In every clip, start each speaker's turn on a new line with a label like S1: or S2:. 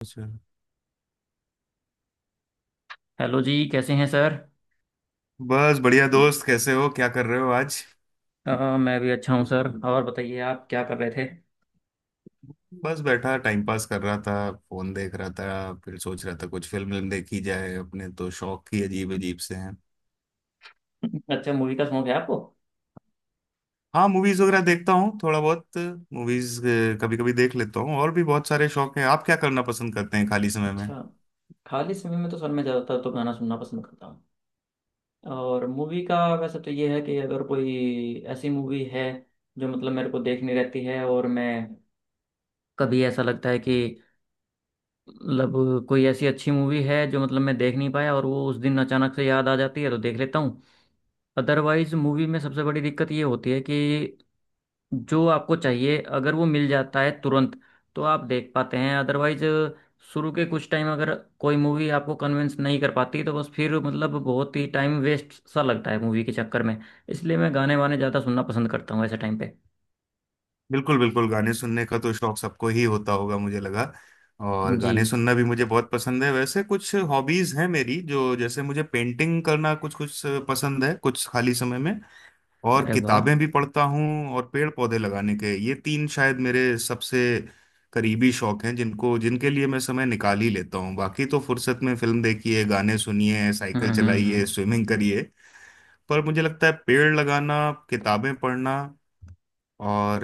S1: अच्छा।
S2: हेलो जी, कैसे हैं सर।
S1: बस बढ़िया दोस्त, कैसे हो, क्या कर रहे हो आज?
S2: मैं भी अच्छा हूँ सर। और बताइए, आप क्या कर रहे थे।
S1: बस बैठा टाइम पास कर रहा था। फोन देख रहा था, फिर सोच रहा था कुछ फिल्म विल्म देखी जाए। अपने तो शौक ही अजीब अजीब से हैं।
S2: अच्छा, मूवी का शौक है आपको।
S1: हाँ, मूवीज वगैरह देखता हूँ थोड़ा बहुत। मूवीज कभी कभी देख लेता हूँ। और भी बहुत सारे शौक हैं। आप क्या करना पसंद करते हैं खाली समय में?
S2: अच्छा। खाली समय में तो सर मैं ज़्यादातर तो गाना सुनना पसंद करता हूँ। और मूवी का वैसे तो ये है कि अगर कोई ऐसी मूवी है जो मतलब मेरे को देखनी रहती है और मैं कभी ऐसा लगता है कि मतलब कोई ऐसी अच्छी मूवी है जो मतलब मैं देख नहीं पाया और वो उस दिन अचानक से याद आ जाती है तो देख लेता हूँ। अदरवाइज मूवी में सबसे बड़ी दिक्कत ये होती है कि जो आपको चाहिए अगर वो मिल जाता है तुरंत तो आप देख पाते हैं। अदरवाइज शुरू के कुछ टाइम अगर कोई मूवी आपको कन्विंस नहीं कर पाती तो बस फिर मतलब बहुत ही टाइम वेस्ट सा लगता है मूवी के चक्कर में। इसलिए मैं गाने वाने ज़्यादा सुनना पसंद करता हूँ ऐसे टाइम पे।
S1: बिल्कुल बिल्कुल, गाने सुनने का तो शौक सबको ही होता होगा, मुझे लगा। और
S2: जी।
S1: गाने सुनना भी मुझे बहुत पसंद है। वैसे कुछ हॉबीज हैं मेरी, जो, जैसे मुझे पेंटिंग करना कुछ कुछ पसंद है, कुछ खाली समय में। और
S2: अरे वाह।
S1: किताबें भी पढ़ता हूँ, और पेड़ पौधे लगाने के, ये तीन शायद मेरे सबसे करीबी शौक हैं जिनको जिनके लिए मैं समय निकाल ही लेता हूँ। बाकी तो फुर्सत में फिल्म देखिए, गाने सुनिए,
S2: हम्म
S1: साइकिल
S2: हम्म
S1: चलाइए,
S2: हम्म
S1: स्विमिंग करिए। पर मुझे लगता है पेड़ लगाना, किताबें पढ़ना, और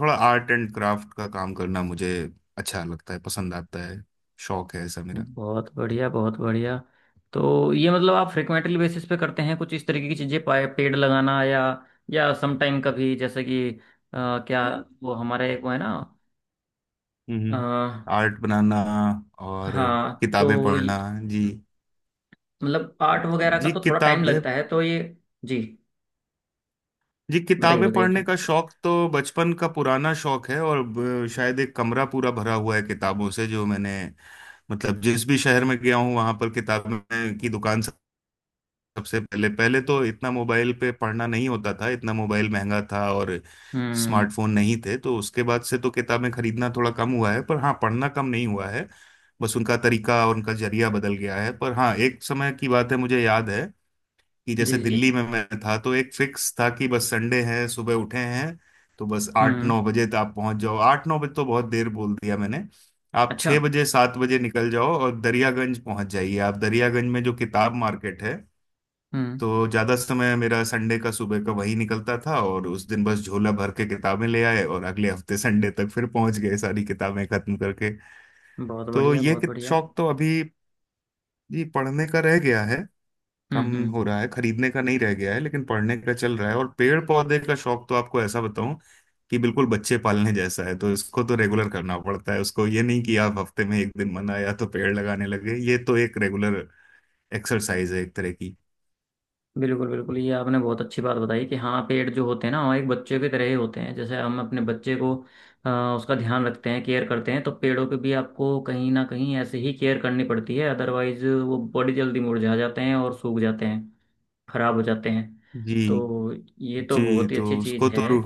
S1: थोड़ा आर्ट एंड क्राफ्ट का काम करना मुझे अच्छा लगता है, पसंद आता है, शौक है ऐसा मेरा।
S2: बहुत बढ़िया, बहुत बढ़िया। तो ये मतलब आप फ्रिक्वेंटली बेसिस पे करते हैं कुछ इस तरीके की चीज़ें, पाए- पेड़ लगाना या समटाइम कभी जैसे कि अ, क्या, हाँ वो हमारे एक वो है
S1: हम्म,
S2: ना।
S1: आर्ट बनाना और
S2: हाँ
S1: किताबें
S2: तो
S1: पढ़ना।
S2: ये-
S1: जी।
S2: मतलब आर्ट वगैरह का
S1: जी
S2: तो थोड़ा टाइम
S1: किताब
S2: लगता है तो ये। जी।
S1: जी,
S2: बताइए
S1: किताबें
S2: बताइए क्या।
S1: पढ़ने का शौक तो बचपन का पुराना शौक है, और शायद एक कमरा पूरा भरा हुआ है किताबों से, जो मैंने, मतलब जिस भी शहर में गया हूँ वहां पर किताबें की दुकान सबसे पहले। पहले तो इतना मोबाइल पे पढ़ना नहीं होता था, इतना मोबाइल महंगा था, और
S2: हम्म
S1: स्मार्टफोन नहीं थे। तो उसके बाद से तो किताबें खरीदना थोड़ा कम हुआ है, पर हाँ, पढ़ना कम नहीं हुआ है। बस उनका तरीका और उनका जरिया बदल गया है। पर हाँ, एक समय की बात है, मुझे याद है कि
S2: जी
S1: जैसे
S2: जी।
S1: दिल्ली में मैं था तो एक फिक्स था कि बस संडे है, सुबह उठे हैं, तो बस आठ
S2: हम्म
S1: नौ बजे तक आप पहुंच जाओ। आठ नौ बजे तो बहुत देर बोल दिया मैंने। आप
S2: अच्छा।
S1: छः बजे सात बजे निकल जाओ और दरियागंज पहुंच जाइए, आप दरियागंज में जो किताब मार्केट है।
S2: हम्म
S1: तो ज़्यादा समय मेरा संडे का सुबह का वही निकलता था, और उस दिन बस झोला भर के किताबें ले आए और अगले हफ्ते संडे तक फिर पहुंच गए सारी किताबें खत्म करके।
S2: बहुत
S1: तो
S2: बढ़िया,
S1: ये
S2: बहुत बढ़िया।
S1: शौक तो अभी, जी, पढ़ने का रह गया है। कम
S2: हम्म
S1: हो
S2: हम्म
S1: रहा है। खरीदने का नहीं रह गया है, लेकिन पढ़ने का चल रहा है। और पेड़ पौधे का शौक तो आपको ऐसा बताऊं कि बिल्कुल बच्चे पालने जैसा है। तो इसको तो रेगुलर करना पड़ता है उसको। ये नहीं कि आप हफ्ते में एक दिन मन आया तो पेड़ लगाने लगे, ये तो एक रेगुलर एक्सरसाइज है एक तरह की।
S2: बिल्कुल बिल्कुल। ये आपने बहुत अच्छी बात बताई कि हाँ पेड़ जो होते हैं ना हमारे एक बच्चे की तरह ही होते हैं। जैसे हम अपने बच्चे को अ, उसका ध्यान रखते हैं, केयर करते हैं, तो पेड़ों पे भी आपको कहीं ना कहीं ऐसे ही केयर करनी पड़ती है। अदरवाइज वो बड़ी जल्दी मुरझा जाते हैं और सूख जाते हैं, खराब हो जाते हैं।
S1: जी
S2: तो ये तो
S1: जी।
S2: बहुत ही अच्छी चीज़ है।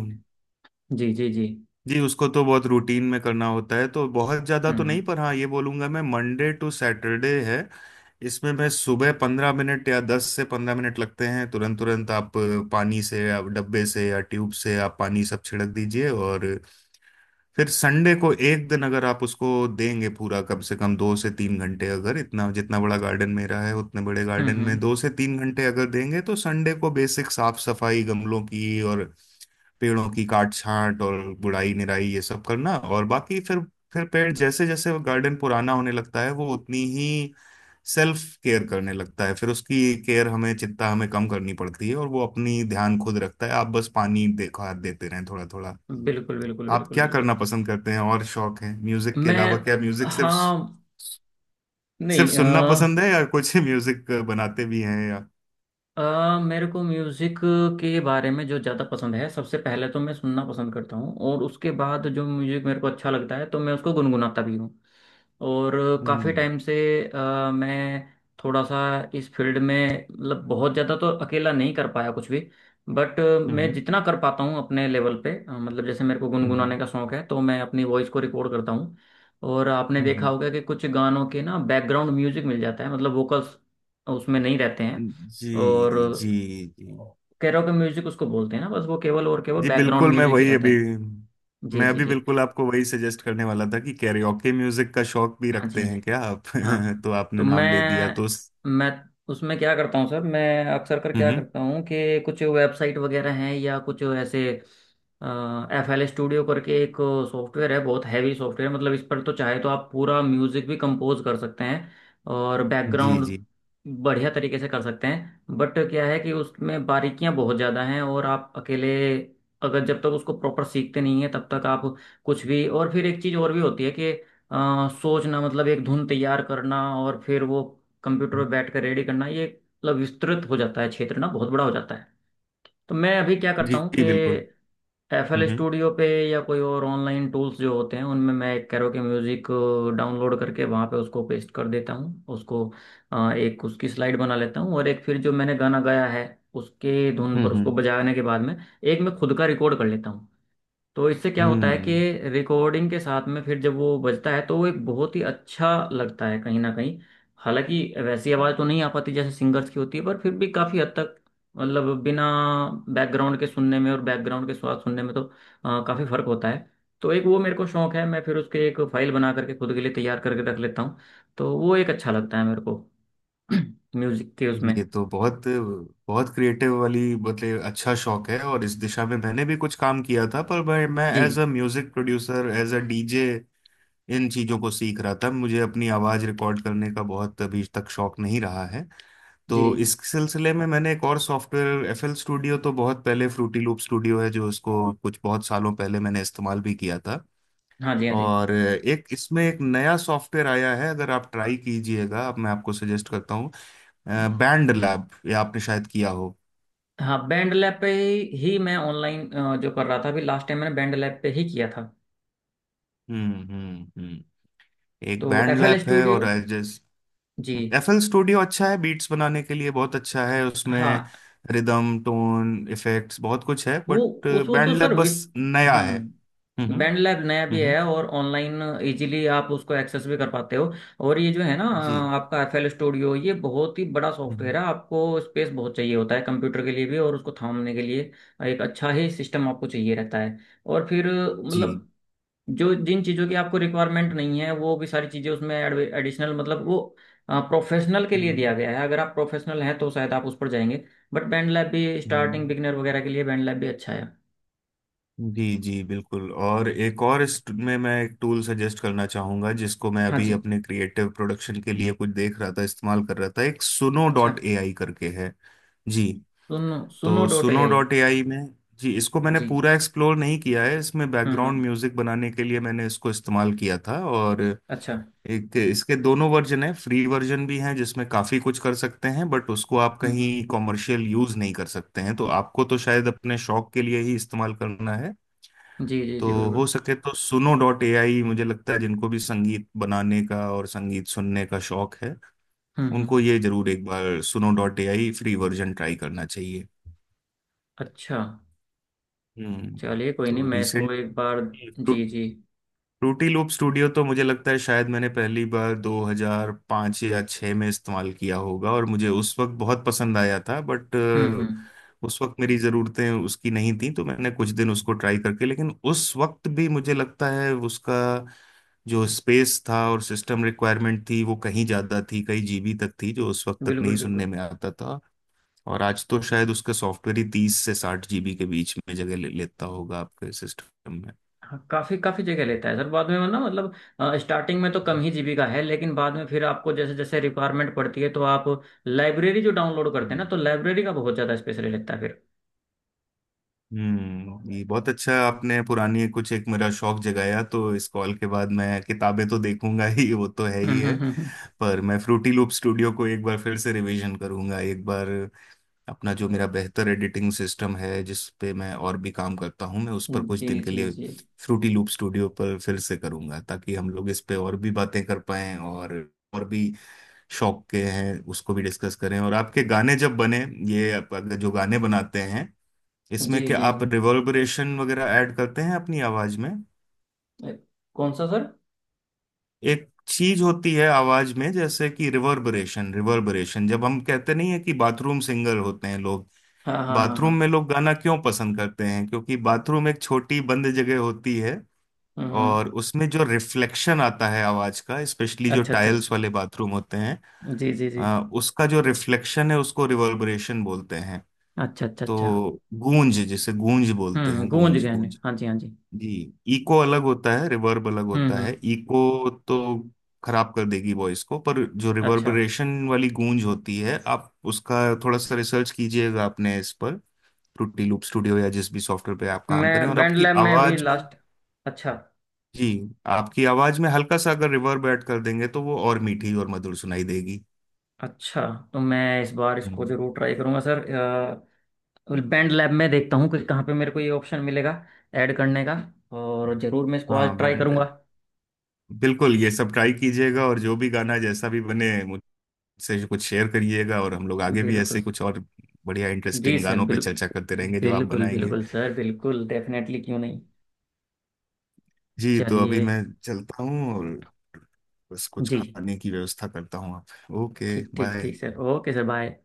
S2: जी जी जी।
S1: जी, उसको तो बहुत रूटीन में करना होता है। तो बहुत ज़्यादा तो नहीं,
S2: हम्म।
S1: पर हाँ, ये बोलूँगा मैं, मंडे टू सैटरडे है। इसमें मैं सुबह 15 मिनट, या 10 से 15 मिनट लगते हैं। तुरंत तुरंत आप पानी से या डब्बे से या ट्यूब से आप पानी सब छिड़क दीजिए। और फिर संडे को एक दिन अगर आप उसको देंगे पूरा, कम से कम 2 से 3 घंटे, अगर इतना, जितना बड़ा गार्डन मेरा है उतने बड़े
S2: हम्म
S1: गार्डन में
S2: हम्म,
S1: 2 से 3 घंटे अगर देंगे, तो संडे को बेसिक साफ सफाई गमलों की, और पेड़ों की काट छांट और गुड़ाई निराई, ये सब करना। और बाकी फिर पेड़, जैसे जैसे वो गार्डन पुराना होने लगता है वो उतनी ही सेल्फ केयर करने लगता है। फिर उसकी केयर, हमें चिंता हमें कम करनी पड़ती है, और वो अपनी ध्यान खुद रखता है। आप बस पानी देखो, हाथ देते रहें, थोड़ा थोड़ा।
S2: बिल्कुल बिल्कुल,
S1: आप
S2: बिल्कुल
S1: क्या
S2: बिल्कुल।
S1: करना पसंद करते हैं, और शौक है म्यूजिक के अलावा?
S2: मैं।
S1: क्या म्यूजिक सिर्फ,
S2: हाँ।
S1: सिर्फ
S2: नहीं
S1: सुनना पसंद है, या कुछ म्यूजिक बनाते भी हैं या?
S2: मेरे को म्यूज़िक के बारे में जो ज़्यादा पसंद है, सबसे पहले तो मैं सुनना पसंद करता हूँ। और उसके बाद जो म्यूज़िक मेरे को अच्छा लगता है तो मैं उसको गुनगुनाता भी हूँ। और काफ़ी
S1: हम्म
S2: टाइम से मैं थोड़ा सा इस फील्ड में मतलब बहुत ज़्यादा तो अकेला नहीं कर पाया कुछ भी। बट मैं
S1: हम्म
S2: जितना कर पाता हूँ अपने लेवल पे, मतलब जैसे मेरे को
S1: हम्म
S2: गुनगुनाने का शौक है तो मैं अपनी वॉइस को रिकॉर्ड करता हूँ। और आपने
S1: हम्म।
S2: देखा
S1: हम्म।
S2: होगा कि कुछ गानों के ना बैकग्राउंड म्यूजिक मिल जाता है, मतलब वोकल्स उसमें नहीं रहते हैं।
S1: जी
S2: और
S1: जी जी।
S2: कैरोके म्यूजिक उसको बोलते हैं ना, बस वो केवल और केवल
S1: जी
S2: बैकग्राउंड
S1: बिल्कुल।
S2: म्यूजिक ही रहता है। जी
S1: मैं
S2: जी
S1: अभी
S2: जी।
S1: बिल्कुल आपको वही सजेस्ट करने वाला था कि कैरियोके म्यूजिक का शौक भी
S2: हाँ जी
S1: रखते
S2: हाँ जी।
S1: हैं क्या आप?
S2: हाँ।
S1: तो आपने
S2: तो
S1: नाम ले दिया तो
S2: मैं मैं उसमें क्या करता हूँ सर, मैं अक्सर कर क्या
S1: हम्म।
S2: करता हूँ कि कुछ वेबसाइट वगैरह हैं या कुछ ऐसे, एफ एल स्टूडियो करके एक सॉफ्टवेयर है। बहुत हैवी सॉफ्टवेयर, मतलब इस पर तो चाहे तो आप पूरा म्यूजिक भी कंपोज कर सकते हैं और
S1: जी
S2: बैकग्राउंड
S1: जी
S2: बढ़िया तरीके से कर सकते हैं। बट क्या है कि उसमें बारीकियां बहुत ज़्यादा हैं और आप अकेले अगर जब तक उसको प्रॉपर सीखते नहीं है तब तक आप कुछ भी। और फिर एक चीज़ और भी होती है, सोचना, मतलब एक धुन तैयार करना और फिर वो कंप्यूटर पे बैठ कर रेडी करना। ये मतलब विस्तृत हो जाता है, क्षेत्र ना बहुत बड़ा हो जाता है। तो मैं अभी क्या करता
S1: जी।
S2: हूँ कि
S1: जी बिल्कुल।
S2: एफ एल
S1: हम्म
S2: स्टूडियो पे या कोई और ऑनलाइन टूल्स जो होते हैं उनमें मैं एक कैरोके म्यूजिक डाउनलोड करके वहाँ पे उसको पेस्ट कर देता हूँ। उसको एक उसकी स्लाइड बना लेता हूँ और एक फिर जो मैंने गाना गाया है उसके धुन पर उसको
S1: हम्म।
S2: बजाने के बाद में एक मैं खुद का रिकॉर्ड कर लेता हूँ। तो इससे क्या होता है कि
S1: हम्म।
S2: रिकॉर्डिंग के साथ में फिर जब वो बजता है तो वो एक बहुत ही अच्छा लगता है कहीं ना कहीं। हालांकि वैसी आवाज़ तो नहीं आ पाती जैसे सिंगर्स की होती है, पर फिर भी काफ़ी हद तक, मतलब बिना बैकग्राउंड के सुनने में और बैकग्राउंड के साथ सुनने में तो काफ़ी फ़र्क होता है। तो एक वो मेरे को शौक है, मैं फिर उसके एक फाइल बना करके खुद के लिए तैयार करके रख लेता हूँ। तो वो एक अच्छा लगता है मेरे को म्यूजिक के
S1: जी,
S2: उसमें।
S1: ये तो बहुत बहुत क्रिएटिव वाली, मतलब अच्छा शौक है। और इस दिशा में मैंने भी कुछ काम किया था, पर मैं
S2: जी
S1: as a music producer, as a DJ, इन चीजों को सीख रहा था। मुझे अपनी आवाज रिकॉर्ड करने का बहुत अभी तक शौक नहीं रहा है।
S2: जी।
S1: तो इस सिलसिले में मैंने एक और सॉफ्टवेयर, एफएल स्टूडियो तो बहुत पहले, फ्रूटी लूप स्टूडियो है जो, इसको कुछ बहुत सालों पहले मैंने इस्तेमाल भी किया था।
S2: हाँ जी हाँ जी।
S1: और एक इसमें एक नया सॉफ्टवेयर आया है, अगर आप ट्राई कीजिएगा, अब मैं आपको सजेस्ट करता हूँ, बैंड लैब, ये आपने शायद किया हो।
S2: हाँ, बैंड लैब पे ही मैं ऑनलाइन जो कर रहा था, अभी लास्ट टाइम मैंने बैंड लैब पे ही किया था।
S1: हम्म।
S2: तो
S1: एक बैंड
S2: एफ एल
S1: लैब है, और
S2: स्टूडियो।
S1: एजेस,
S2: जी।
S1: एफएल स्टूडियो अच्छा है बीट्स बनाने के लिए, बहुत अच्छा है, उसमें
S2: हाँ।
S1: रिदम टोन इफेक्ट्स बहुत कुछ है।
S2: वो
S1: बट
S2: वो तो
S1: बैंड
S2: सर
S1: लैब
S2: विस।
S1: बस नया है। हम्म
S2: बैंड लैब नया भी
S1: हम्म।
S2: है और ऑनलाइन इजीली आप उसको एक्सेस भी कर पाते हो। और ये जो है ना
S1: जी।
S2: आपका एफ एल स्टूडियो, ये बहुत ही बड़ा
S1: हम्म।
S2: सॉफ्टवेयर है, आपको स्पेस बहुत चाहिए होता है कंप्यूटर के लिए भी। और उसको थामने के लिए एक अच्छा ही सिस्टम आपको चाहिए रहता है। और फिर
S1: जी।
S2: मतलब जो जिन चीज़ों की आपको रिक्वायरमेंट नहीं है वो भी सारी चीज़ें उसमें एडिशनल, मतलब वो प्रोफेशनल के लिए दिया
S1: हम्म।
S2: गया है। अगर आप प्रोफेशनल हैं तो शायद आप उस पर जाएंगे। बट बैंड लैब भी
S1: हम्म।
S2: स्टार्टिंग बिगनर वगैरह के लिए बैंड लैब भी अच्छा है।
S1: जी जी बिल्कुल। और एक और में मैं एक टूल सजेस्ट करना चाहूंगा, जिसको मैं
S2: हाँ
S1: अभी
S2: जी।
S1: अपने क्रिएटिव प्रोडक्शन के लिए कुछ देख रहा था, इस्तेमाल कर रहा था, एक सुनो
S2: अच्छा।
S1: डॉट ए आई करके है। जी
S2: सुनो, सुनो
S1: तो
S2: dot A
S1: Suno
S2: I.
S1: Dot A I में, जी, इसको मैंने
S2: जी।
S1: पूरा एक्सप्लोर नहीं किया है। इसमें बैकग्राउंड
S2: हम्म।
S1: म्यूजिक बनाने के लिए मैंने इसको इस्तेमाल किया था, और
S2: अच्छा।
S1: एक इसके दोनों वर्जन है, फ्री वर्जन भी है जिसमें काफी कुछ कर सकते हैं। बट उसको आप
S2: हम्म हम्म,
S1: कहीं कॉमर्शियल यूज नहीं कर सकते हैं, तो आपको तो शायद अपने शौक के लिए ही इस्तेमाल करना है।
S2: जी जी
S1: तो
S2: जी बिल्कुल।
S1: हो सके तो सुनो डॉट ए आई, मुझे लगता है जिनको भी संगीत बनाने का और संगीत सुनने का शौक है
S2: हम्म
S1: उनको
S2: हम्म
S1: ये जरूर एक बार Suno dot A I free version try करना चाहिए।
S2: अच्छा।
S1: हम्म।
S2: चलिए कोई नहीं,
S1: तो
S2: मैं इसको
S1: रिसेंट,
S2: एक बार। जी जी।
S1: फ्रूटी लूप स्टूडियो तो मुझे लगता है शायद मैंने पहली बार 2005 या 6 में इस्तेमाल किया होगा, और मुझे उस वक्त बहुत पसंद आया था। बट
S2: हम्म हम्म
S1: उस वक्त मेरी ज़रूरतें उसकी नहीं थी, तो मैंने कुछ दिन उसको ट्राई करके, लेकिन उस वक्त भी मुझे लगता है उसका जो स्पेस था और सिस्टम रिक्वायरमेंट थी वो कहीं ज़्यादा थी, कई जीबी तक थी, जो उस वक्त तक
S2: बिल्कुल
S1: नहीं सुनने
S2: बिल्कुल।
S1: में आता था। और आज तो शायद उसका सॉफ्टवेयर ही 30 से 60 जीबी के बीच में जगह ले लेता होगा आपके सिस्टम में।
S2: हाँ, काफी काफी जगह लेता है सर, बाद में ना, मतलब स्टार्टिंग में तो कम ही जीबी का है लेकिन बाद में फिर आपको जैसे जैसे रिक्वायरमेंट पड़ती है तो आप लाइब्रेरी जो डाउनलोड करते हैं
S1: हम्म।
S2: ना, तो लाइब्रेरी का बहुत ज्यादा स्पेस ले लेता है फिर।
S1: हम्म, ये बहुत अच्छा आपने पुरानी कुछ एक मेरा शौक जगाया। तो इस कॉल के बाद मैं किताबें तो देखूंगा ही, वो तो है ही
S2: हम्म
S1: है,
S2: हम्म हम्म
S1: पर मैं फ्रूटी लूप स्टूडियो को एक बार फिर से रिवीजन करूंगा, एक बार अपना, जो मेरा बेहतर एडिटिंग सिस्टम है जिस पे मैं और भी काम करता हूँ, मैं उस पर कुछ
S2: जी
S1: दिन के
S2: जी
S1: लिए
S2: जी।
S1: फ्रूटी लूप स्टूडियो पर फिर से करूंगा, ताकि हम लोग इस पे और भी बातें कर पाएं। और भी शौक के हैं, उसको भी डिस्कस करें। और आपके गाने जब बने, ये आप अगर जो गाने बनाते हैं,
S2: जी
S1: इसमें क्या
S2: जी जी।
S1: आप रिवर्बरेशन वगैरह ऐड करते हैं अपनी आवाज में?
S2: अ, कौन सा सर।
S1: एक चीज होती है आवाज में, जैसे कि रिवर्बरेशन, रिवर्बरेशन जब हम कहते नहीं है कि बाथरूम सिंगर होते हैं लोग,
S2: हाँ हाँ हाँ
S1: बाथरूम
S2: हाँ।
S1: में लोग गाना क्यों पसंद करते हैं क्योंकि बाथरूम एक छोटी बंद जगह होती है।
S2: हम्म हम्म,
S1: और उसमें जो रिफ्लेक्शन आता है आवाज का, स्पेशली जो
S2: अच्छा अच्छा अच्छा।
S1: टाइल्स वाले बाथरूम होते हैं,
S2: जी जी जी।
S1: उसका जो रिफ्लेक्शन है उसको रिवर्बरेशन बोलते हैं।
S2: अच्छा अच्छा अच्छा।
S1: तो गूंज, जिसे गूंज बोलते
S2: हम्म,
S1: हैं,
S2: गूंज,
S1: गूंज
S2: गए ने,
S1: गूंज।
S2: हाँ जी हाँ जी।
S1: जी। इको अलग होता है, रिवर्ब अलग
S2: हम्म
S1: होता है।
S2: हम्म
S1: इको तो खराब कर देगी वॉइस को, पर जो
S2: अच्छा।
S1: रिवर्बरेशन वाली गूंज होती है, आप उसका थोड़ा सा रिसर्च कीजिएगा, आपने इस पर, ट्रुटी लूप स्टूडियो या जिस भी सॉफ्टवेयर पे आप काम करें।
S2: मैं
S1: और
S2: बैंड
S1: आपकी
S2: लैब में भी
S1: आवाज में,
S2: लास्ट। अच्छा।
S1: जी, आपकी आवाज में हल्का सा अगर रिवर्ब ऐड कर देंगे तो वो और मीठी और मधुर सुनाई देगी।
S2: अच्छा, तो मैं इस बार इसको
S1: हम्म।
S2: जरूर ट्राई करूंगा सर। बैंड लैब में देखता हूँ कि कहाँ पे मेरे को ये ऑप्शन मिलेगा ऐड करने का। और ज़रूर मैं इसको आज
S1: हाँ
S2: ट्राई
S1: बैंड,
S2: करूँगा।
S1: बिल्कुल ये सब ट्राई कीजिएगा, और जो भी गाना जैसा भी बने, से कुछ शेयर करिएगा, और हम लोग आगे भी ऐसे
S2: बिल्कुल।
S1: कुछ और बढ़िया
S2: जी
S1: इंटरेस्टिंग
S2: सर
S1: गानों पे
S2: बिल्कुल।
S1: चर्चा करते रहेंगे जो आप
S2: बिल्कुल
S1: बनाएंगे।
S2: बिल्कुल सर, बिल्कुल डेफिनेटली, क्यों नहीं।
S1: जी तो अभी
S2: चलिए।
S1: मैं चलता हूँ, और बस कुछ
S2: जी।
S1: खाने की व्यवस्था करता हूँ। आप, ओके
S2: ठीक ठीक
S1: बाय।
S2: ठीक सर, ओके सर, बाय।